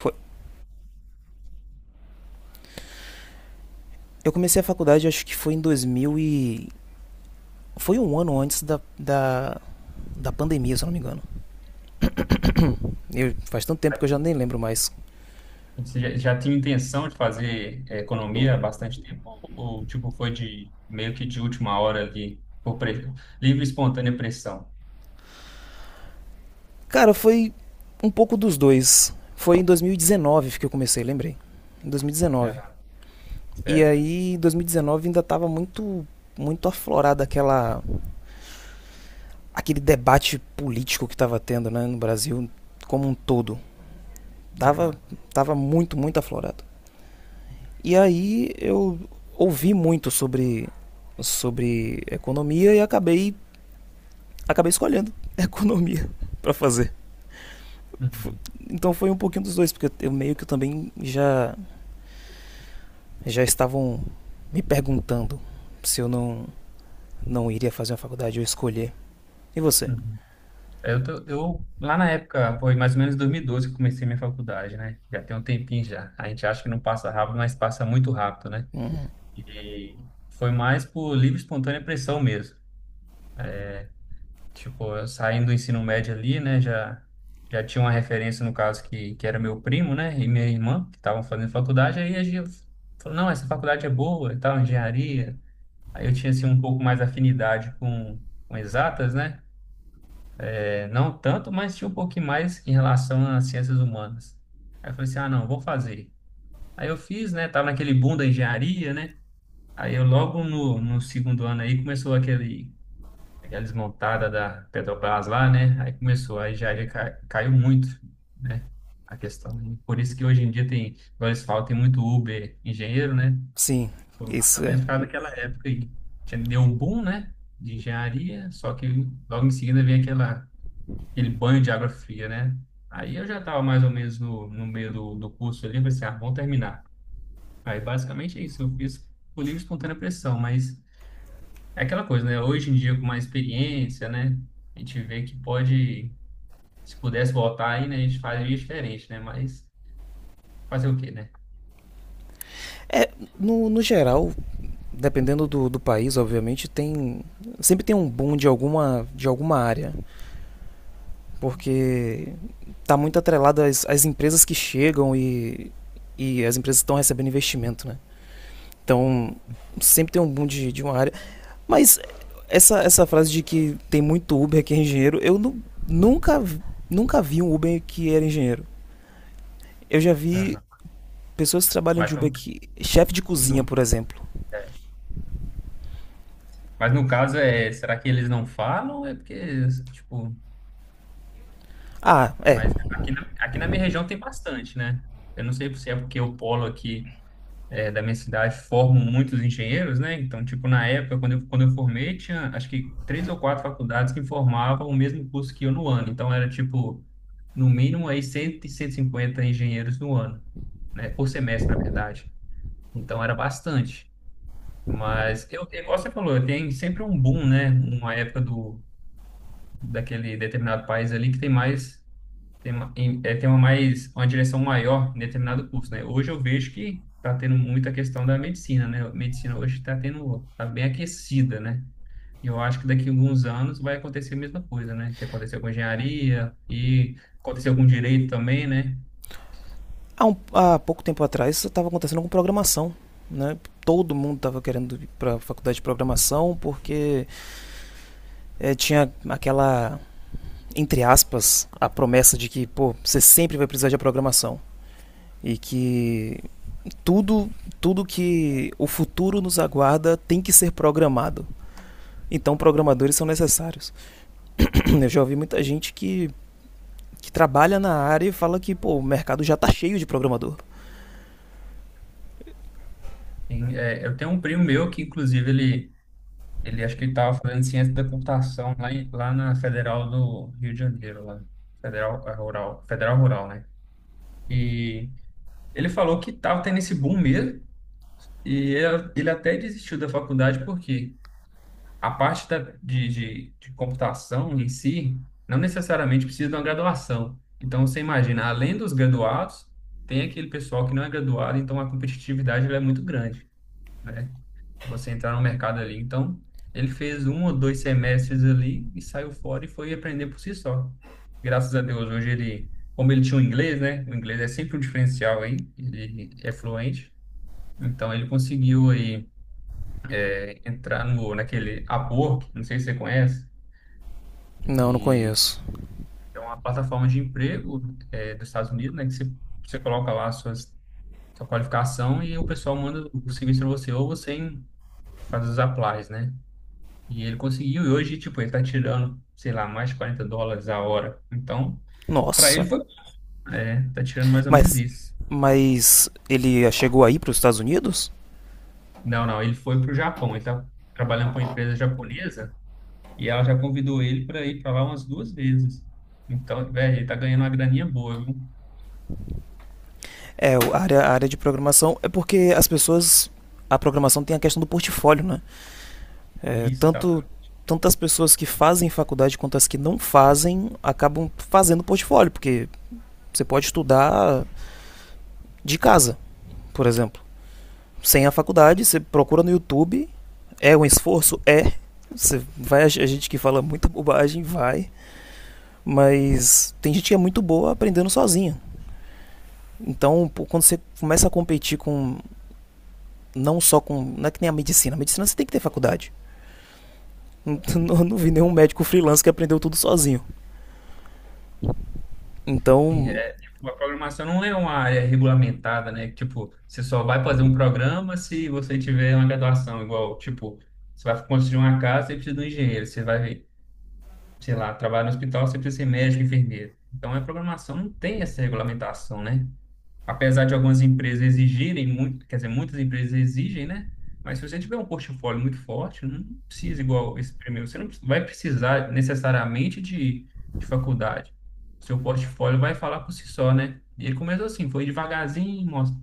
Foi- Eu comecei a faculdade, acho que foi em 2000 e... foi um ano antes da pandemia, se eu não me engano. Eu faz tanto tempo que eu já nem lembro mais. Você já tinha intenção de fazer economia há bastante tempo? Ou, tipo, foi de meio que de última hora ali, por livre e espontânea pressão? Cara, foi um pouco dos dois. Foi em 2019 que eu comecei, lembrei. Em 2019. E dezenove. Aham, E certo. aí, em 2019 ainda tava muito aflorada aquela aquele debate político que tava tendo, né, no Brasil como um todo. Tava Aham. tava muito, muito aflorado. E aí eu ouvi muito sobre economia e acabei escolhendo economia para fazer. Uhum, Então foi um pouquinho dos dois, porque eu meio que também já estavam me perguntando se eu não iria fazer uma faculdade ou escolher. E você? uhum. Eu, lá na época, foi mais ou menos 2012 que eu comecei minha faculdade, né? Já tem um tempinho já. A gente acha que não passa rápido, mas passa muito rápido, né? Hum, E foi mais por livre e espontânea pressão mesmo. Tipo, eu saindo do ensino médio ali, né, já tinha uma referência, no caso, que era meu primo, né, e minha irmã, que estavam fazendo faculdade, aí a gente falou, não, essa faculdade é boa e tal, engenharia. Aí eu tinha, assim, um pouco mais afinidade com exatas, né. É, não tanto, mas tinha um pouquinho mais em relação às ciências humanas. Aí eu falei assim, ah, não, vou fazer. Aí eu fiz, né, tava naquele boom da engenharia, né, aí eu logo no segundo ano aí começou aquele Aí a desmontada da Petrobras lá, né? Aí começou, aí já caiu muito, né? A questão, né? Por isso que hoje em dia tem, igual eles falam, tem muito Uber engenheiro, né? sim, Foi mais isso ou menos é. por causa daquela época aí. Deu um boom, né? De engenharia, só que logo em seguida vem aquele banho de água fria, né? Aí eu já estava mais ou menos no meio do curso ali, falei assim, ah, vamos terminar. Aí basicamente é isso, eu fiz por livre e espontânea pressão, mas é aquela coisa, né? Hoje em dia, com mais experiência, né? A gente vê se pudesse voltar aí, né? A gente faria diferente, né? Mas fazer o quê, né? É, no, no geral, dependendo do país, obviamente, tem. Sempre tem um boom de de alguma área. Porque está muito atrelado às empresas que e as empresas estão recebendo investimento, né? Então, sempre tem um boom de uma área. Mas essa frase de que tem muito Uber que é engenheiro, eu nu, nunca, nunca vi um Uber que era engenheiro. Eu já vi Aham. pessoas que trabalham de Mas Uber que... chefe de cozinha, no- por exemplo. é. Mas no caso, é, será que eles não falam? É porque, tipo, Ah, é. mas aqui na minha região tem bastante, né? Eu não sei se é porque o polo aqui da minha cidade formam muitos engenheiros, né? Então, tipo, na época, quando eu formei, tinha acho que três ou quatro faculdades que formavam o mesmo curso que eu no ano. Então, era tipo, no mínimo aí 100, 150 engenheiros no ano, né? Por semestre, na verdade. Então, era bastante. Mas, eu, é igual você falou, tem sempre um boom, né? Uma época daquele determinado país ali que tem mais tem uma, tem uma mais, uma direção maior em determinado curso, né? Hoje eu vejo que está tendo muita questão da medicina, né? A medicina hoje está tendo, tá bem aquecida, né? E eu acho que daqui a alguns anos vai acontecer a mesma coisa, né? Que aconteceu com engenharia e aconteceu com direito também, né? Há pouco tempo atrás isso estava acontecendo com programação. Né? Todo mundo estava querendo ir para a faculdade de programação porque tinha aquela, entre aspas, a promessa de que, pô, você sempre vai precisar de programação. E que tudo, tudo que o futuro nos aguarda tem que ser programado. Então, programadores são necessários. Eu já ouvi muita que trabalha na área e fala que, pô, o mercado já tá cheio de programador. Eu tenho um primo meu que, inclusive, ele acho que ele estava fazendo ciência da computação lá, lá na Federal do Rio de Janeiro, lá. Federal Rural, Federal Rural, né? E ele falou que estava tendo esse boom mesmo. E ele até desistiu da faculdade porque a parte de computação em si não necessariamente precisa de uma graduação. Então, você imagina, além dos graduados, tem aquele pessoal que não é graduado, então a competitividade ela é muito grande, né? Pra você entrar no mercado ali. Então, ele fez um ou dois semestres ali e saiu fora e foi aprender por si só. Graças a Deus, hoje ele, como ele tinha o inglês, né? O inglês é sempre um diferencial aí, ele é fluente. Então, ele conseguiu aí entrar naquele Upwork, não sei se você conhece, Não, não e conheço. é uma plataforma de emprego dos Estados Unidos, né, que você coloca lá a sua qualificação e o pessoal manda o serviço para você ou você faz os applies, né? E ele conseguiu, e hoje, tipo, ele tá tirando, sei lá, mais de US$ 40 a hora. Então, para ele Nossa. Tá tirando mais ou menos Mas, isso. mas ele chegou aí para os Estados Unidos? Não, não, ele foi pro Japão, ele tá trabalhando para uma empresa japonesa. E ela já convidou ele para ir para lá umas duas vezes. Então, velho, ele tá ganhando uma graninha boa, viu? É, a área de programação é porque as pessoas. A programação tem a questão do portfólio, né? É, Isso, tanto, tá. Tanto as pessoas que fazem faculdade quanto as que não fazem acabam fazendo portfólio, porque você pode estudar de casa, por exemplo. Sem a faculdade, você procura no YouTube, é um esforço? É. Você vai, a gente que fala muita bobagem, vai. Mas tem gente que é muito boa aprendendo sozinha. Então, quando você começa a competir com não só com. Não é que nem a medicina. A medicina você tem que ter faculdade. Não, não vi nenhum médico freelance que aprendeu tudo sozinho. Assim, Então, tipo, a programação não é uma área regulamentada, né? Tipo, você só vai fazer um programa se você tiver uma graduação, igual, tipo, você vai construir uma casa, você precisa de um engenheiro, você vai, sei lá, trabalhar no hospital, você precisa ser médico, enfermeiro. Então, a programação não tem essa regulamentação, né? Apesar de algumas empresas exigirem muito, quer dizer, muitas empresas exigem, né? Mas se você tiver um portfólio muito forte, não precisa igual esse primeiro, você não vai precisar necessariamente de faculdade. Seu portfólio vai falar por si só, né? E ele começou assim, foi devagarzinho, mostra,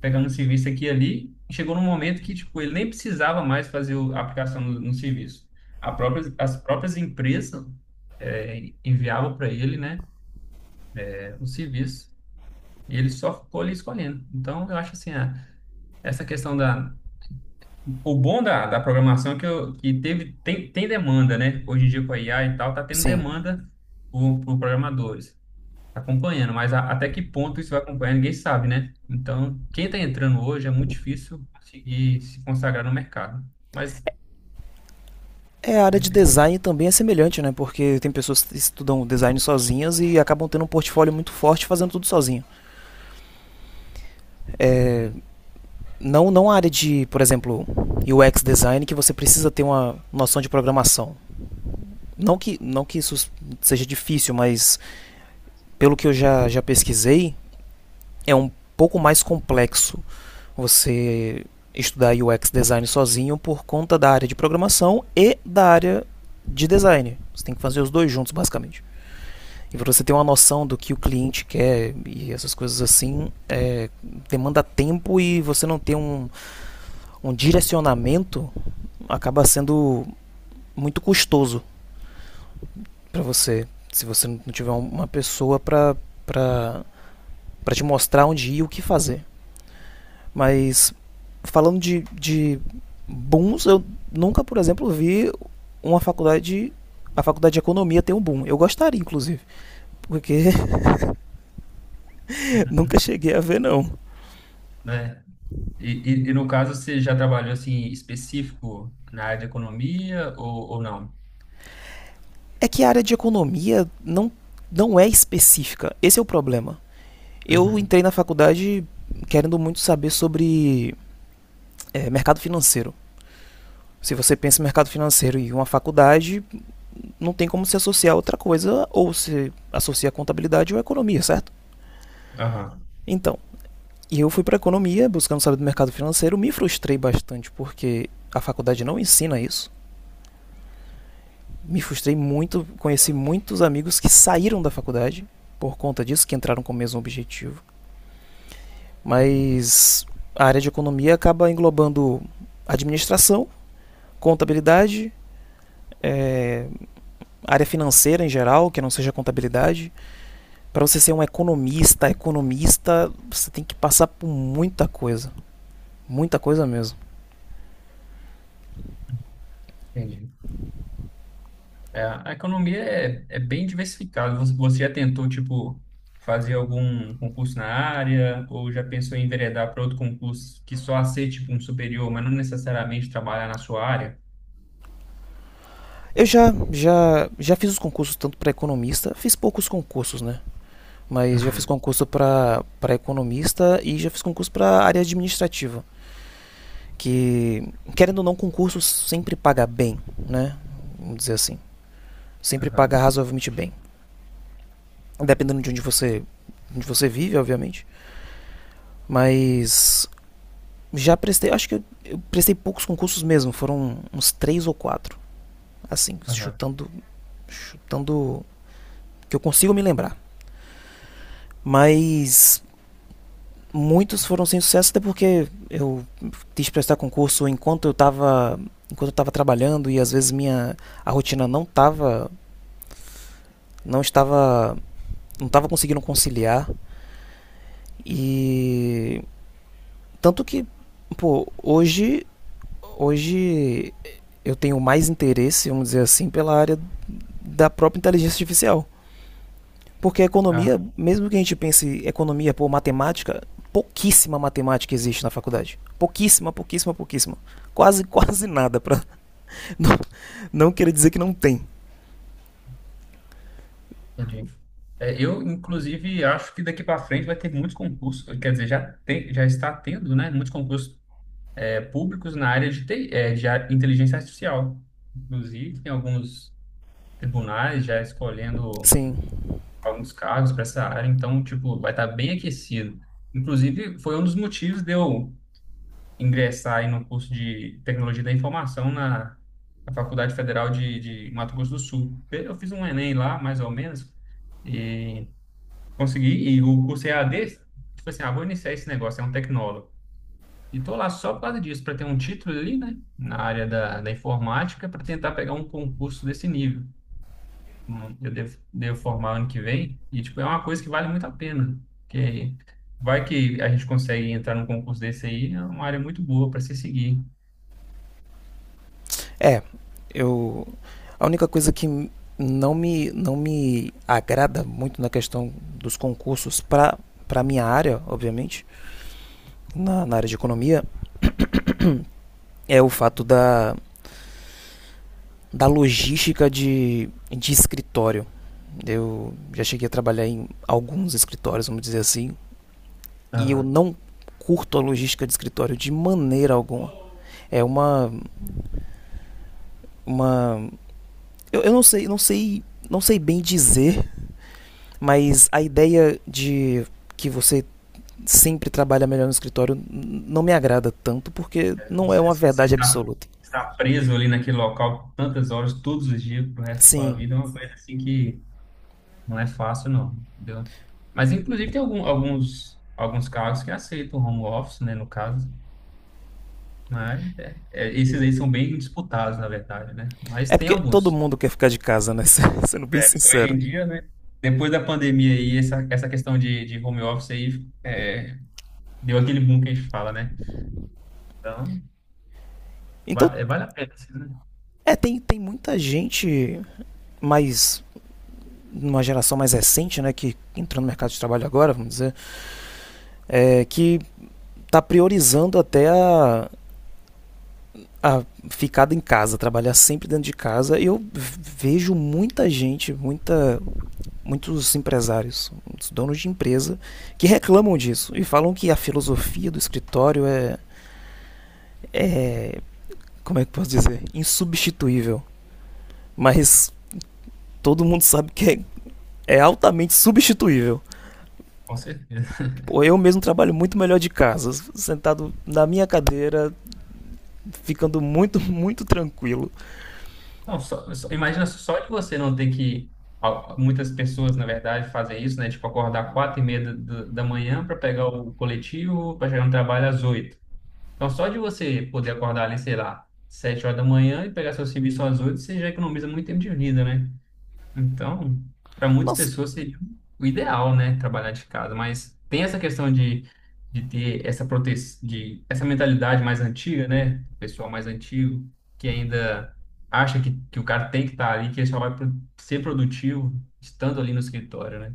pegando um serviço aqui e ali, e chegou num momento que tipo, ele nem precisava mais fazer a aplicação no serviço. As próprias empresas enviavam para ele, né, o serviço. E ele só ficou ali escolhendo. Então, eu acho assim, essa questão da. O bom da programação é que tem demanda, né? Hoje em dia com a IA e tal, tá tendo sim. demanda por programadores. Tá acompanhando, mas até que ponto isso vai acompanhar, ninguém sabe, né? Então, quem tá entrando hoje é muito difícil conseguir se consagrar no mercado. Mas É, a área é de isso aí. design também é semelhante, né? Porque tem pessoas que estudam design sozinhas e acabam tendo um portfólio muito forte fazendo tudo sozinho. Uhum. Não, não a área de, por exemplo, UX design que você precisa ter uma noção de programação. Não que isso seja difícil, mas pelo que eu já pesquisei, é um pouco mais complexo você estudar UX design sozinho por conta da área de programação e da área de design. Você tem que fazer os dois juntos, basicamente. E para você ter uma noção do que o cliente quer e essas coisas assim, é, demanda tempo e você não ter um direcionamento acaba sendo muito custoso para você, se você não tiver uma pessoa para te mostrar onde ir e o que fazer. Mas falando de booms, eu nunca, por exemplo, vi uma faculdade. A faculdade de economia ter um boom. Eu gostaria, inclusive, porque nunca cheguei a ver, não. Né? E, e no caso, você já trabalhou assim específico na área de economia ou não? É que a área de economia não é específica. Esse é o problema. Eu Uhum. entrei na faculdade querendo muito saber sobre é, mercado financeiro. Se você pensa em mercado financeiro e uma faculdade, não tem como se associar a outra coisa, ou se associar a contabilidade ou a economia, certo? Aham. Então, e eu fui para economia, buscando saber do mercado financeiro, me frustrei bastante porque a faculdade não ensina isso. Me frustrei muito, conheci muitos amigos que saíram da faculdade por conta disso, que entraram com o mesmo objetivo. Mas a área de economia acaba englobando administração, contabilidade, é, área financeira em geral, que não seja contabilidade. Para você ser um economista, você tem que passar por muita coisa mesmo. Entendi. É, a economia é bem diversificada. Você já tentou, tipo, fazer algum concurso na área ou já pensou em enveredar para outro concurso que só aceite, tipo, um superior, mas não necessariamente trabalhar na sua área? Já fiz os concursos tanto para economista, fiz poucos concursos, né? Mas já fiz Uhum, concurso para economista e já fiz concurso para área administrativa, que querendo ou não concurso sempre paga bem, né? Vamos dizer assim, sempre aham, paga razoavelmente bem, dependendo de onde você vive, obviamente. Mas já prestei, eu prestei poucos concursos mesmo, foram uns três ou quatro, assim, aham. chutando, chutando que eu consigo me lembrar. Mas muitos foram sem sucesso, até porque eu quis prestar concurso enquanto eu estava trabalhando e às vezes minha a rotina não estava não estava conseguindo conciliar e tanto que pô, hoje eu tenho mais interesse, vamos dizer assim, pela área da própria inteligência artificial. Porque a Ah, economia, mesmo que a gente pense economia por matemática, pouquíssima matemática existe na faculdade. Pouquíssima, pouquíssima, pouquíssima. Quase, quase nada, para não, não querer dizer que não tem. entendi. É, eu, inclusive, acho que daqui para frente vai ter muitos concursos, quer dizer, já tem, já está tendo, né, muitos concursos públicos na área de TI, de inteligência artificial. Inclusive, tem alguns tribunais já escolhendo Sim. alguns cargos para essa área, então, tipo, vai estar bem aquecido. Inclusive, foi um dos motivos de eu ingressar aí no curso de Tecnologia da Informação na Faculdade Federal de Mato Grosso do Sul. Eu fiz um Enem lá, mais ou menos, e consegui, e o curso EAD, tipo assim, ah, vou iniciar esse negócio, é um tecnólogo. E tô lá só por causa disso, para ter um título ali, né, na área da informática, para tentar pegar um concurso desse nível. Eu devo formar ano que vem, e tipo, é uma coisa que vale muito a pena, porque vai que a gente consegue entrar num concurso desse aí, é uma área muito boa para se seguir. É, eu a única coisa que não me agrada muito na questão dos concursos para minha área, obviamente, na área de economia, é o fato da logística de escritório. Eu já cheguei a trabalhar em alguns escritórios, vamos dizer assim, e eu Aham. não curto a logística de escritório de maneira alguma. É uma eu não não sei bem dizer, mas a ideia de que você sempre trabalha melhor no escritório não me agrada tanto porque não é Você, uma você verdade está, absoluta. está preso ali naquele local tantas horas, todos os dias, pro resto da sua Sim. vida, é uma coisa assim que não é fácil, não, entendeu? Mas, inclusive, tem alguns cargos que aceitam home office, né, no caso, mas esses aí são bem disputados, na verdade, né? Mas É tem porque todo alguns. mundo quer ficar de casa, né? Sendo bem Hoje sincero. em dia, né? Depois da pandemia aí, essa questão de home office aí deu aquele boom que a gente fala, né? Então, Então vale a pena, assim, né? é, tem, tem muita gente mais numa geração mais recente, né? Que entrou no mercado de trabalho agora, vamos dizer. É, que está priorizando até a ficada em casa, trabalhar sempre dentro de casa. Eu vejo muita gente, muita, muitos empresários, muitos donos de empresa, que reclamam disso e falam que a filosofia do escritório é como é que eu posso dizer, insubstituível. Mas todo mundo sabe que é, é altamente substituível. Com certeza. Pô, eu mesmo trabalho muito melhor de casa, sentado na minha cadeira, ficando muito, muito tranquilo. Não, imagina só de você não ter que. Muitas pessoas, na verdade, fazem isso, né? Tipo, acordar 4:30 da manhã para pegar o coletivo, para chegar no trabalho às 8. Então, só de você poder acordar ali, sei lá, 7 horas da manhã e pegar seu serviço às 8, você já economiza muito tempo de vida, né? Então, para muitas Nossa, pessoas seria o ideal, né, trabalhar de casa, mas tem essa questão de ter essa prote... de essa mentalidade mais antiga, né, o pessoal mais antigo que ainda acha que o cara tem que estar ali, que ele só vai ser produtivo estando ali no escritório, né?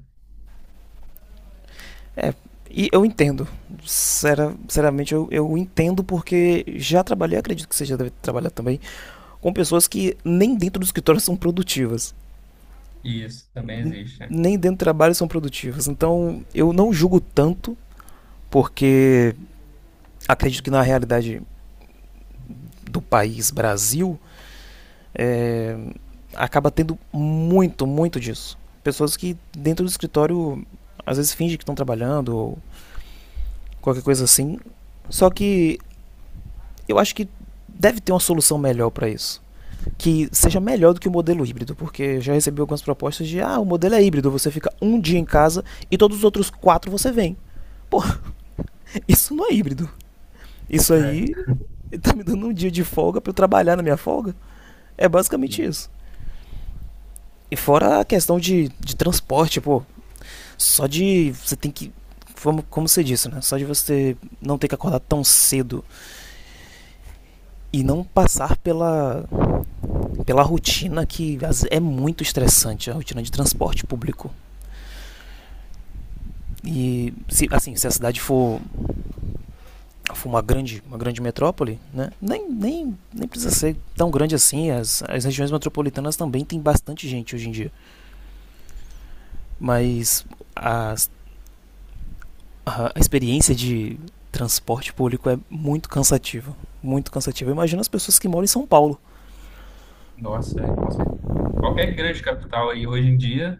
e eu entendo. Sinceramente, eu entendo porque já trabalhei, acredito que você já deve trabalhar também, com pessoas que nem dentro do escritório são produtivas. Isso também N- existe, né? Nem dentro do trabalho são produtivas. Então, eu não julgo tanto, porque acredito que na realidade do país Brasil, é, acaba tendo muito, muito disso. Pessoas que dentro do escritório às vezes fingem que estão trabalhando ou qualquer coisa assim. Só que eu acho que deve ter uma solução melhor para isso, que seja melhor do que o modelo híbrido, porque já recebi algumas propostas de ah, o modelo é híbrido, você fica um dia em casa e todos os outros quatro você vem. Pô, isso não é híbrido. Isso É, aí tá me dando um dia de folga para eu trabalhar na minha folga. É basicamente e, isso. E fora a questão de transporte, pô. Só de você tem que como, você disse, né? Só de você não ter que acordar tão cedo e não passar pela rotina que é muito estressante, a rotina de transporte público. E se, assim, se a cidade for uma uma grande metrópole, né? Nem precisa ser tão grande assim. As regiões metropolitanas também tem bastante gente hoje em dia. Mas a, a experiência de transporte público é muito cansativa. Muito cansativa. Imagina as pessoas que moram em São Paulo. Nossa, com certeza. Qualquer grande capital aí hoje em dia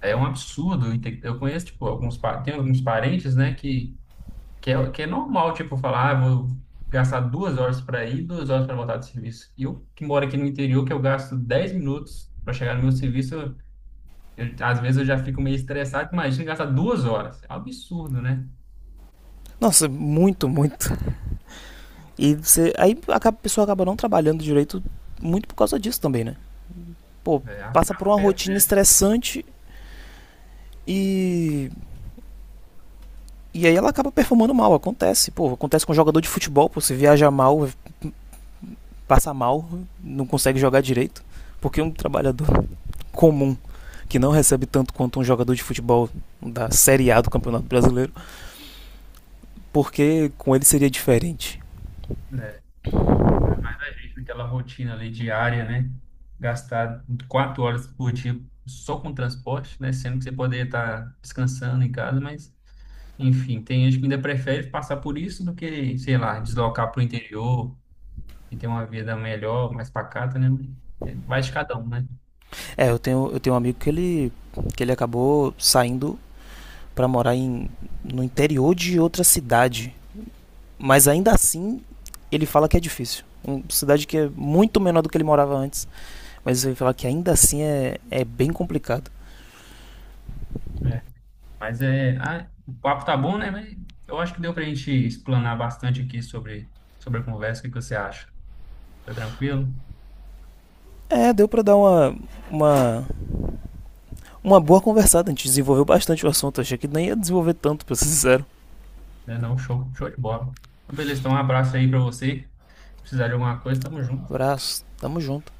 é um absurdo. Eu conheço, tipo, tem alguns parentes, né, que. Que é normal, tipo, falar, ah, vou gastar 2 horas para ir, 2 horas para voltar do serviço. E eu que moro aqui no interior, que eu gasto 10 minutos para chegar no meu serviço, eu, às vezes eu já fico meio estressado. Imagina gastar 2 horas. É um absurdo, né? Nossa, muito, muito. E você, aí a pessoa acaba não trabalhando direito muito por causa disso também, né? Pô, É, af- passa por uma afeta, rotina né? estressante e e aí ela acaba performando mal, acontece. Pô, acontece com um jogador de futebol, pô, você viaja mal, passa mal, não consegue jogar direito, porque um trabalhador comum que não recebe tanto quanto um jogador de futebol da Série A do Campeonato Brasileiro porque com ele seria diferente. Né? Ainda mais a gente naquela rotina ali diária, né? Gastar 4 horas por dia só com transporte, né? Sendo que você poderia estar descansando em casa, mas, enfim, tem gente que ainda prefere passar por isso do que, sei lá, deslocar para o interior e ter uma vida melhor, mais pacata, né? Mas vai de cada um, né? É, eu tenho um amigo que ele acabou saindo para morar no interior de outra cidade. Mas ainda assim, ele fala que é difícil. Uma cidade que é muito menor do que ele morava antes. Mas ele fala que ainda assim é, é bem complicado. É. Mas o papo tá bom, né? Mas eu acho que deu pra gente explanar bastante aqui sobre a conversa. O que que você acha? Tá tranquilo? É, deu pra dar uma, uma boa conversada. A gente desenvolveu bastante o assunto. Achei que nem ia desenvolver tanto, pra ser sincero. É, não, show, show de bola. Então, beleza, então um abraço aí pra você. Se precisar de alguma coisa, tamo junto. Abraço, tamo junto.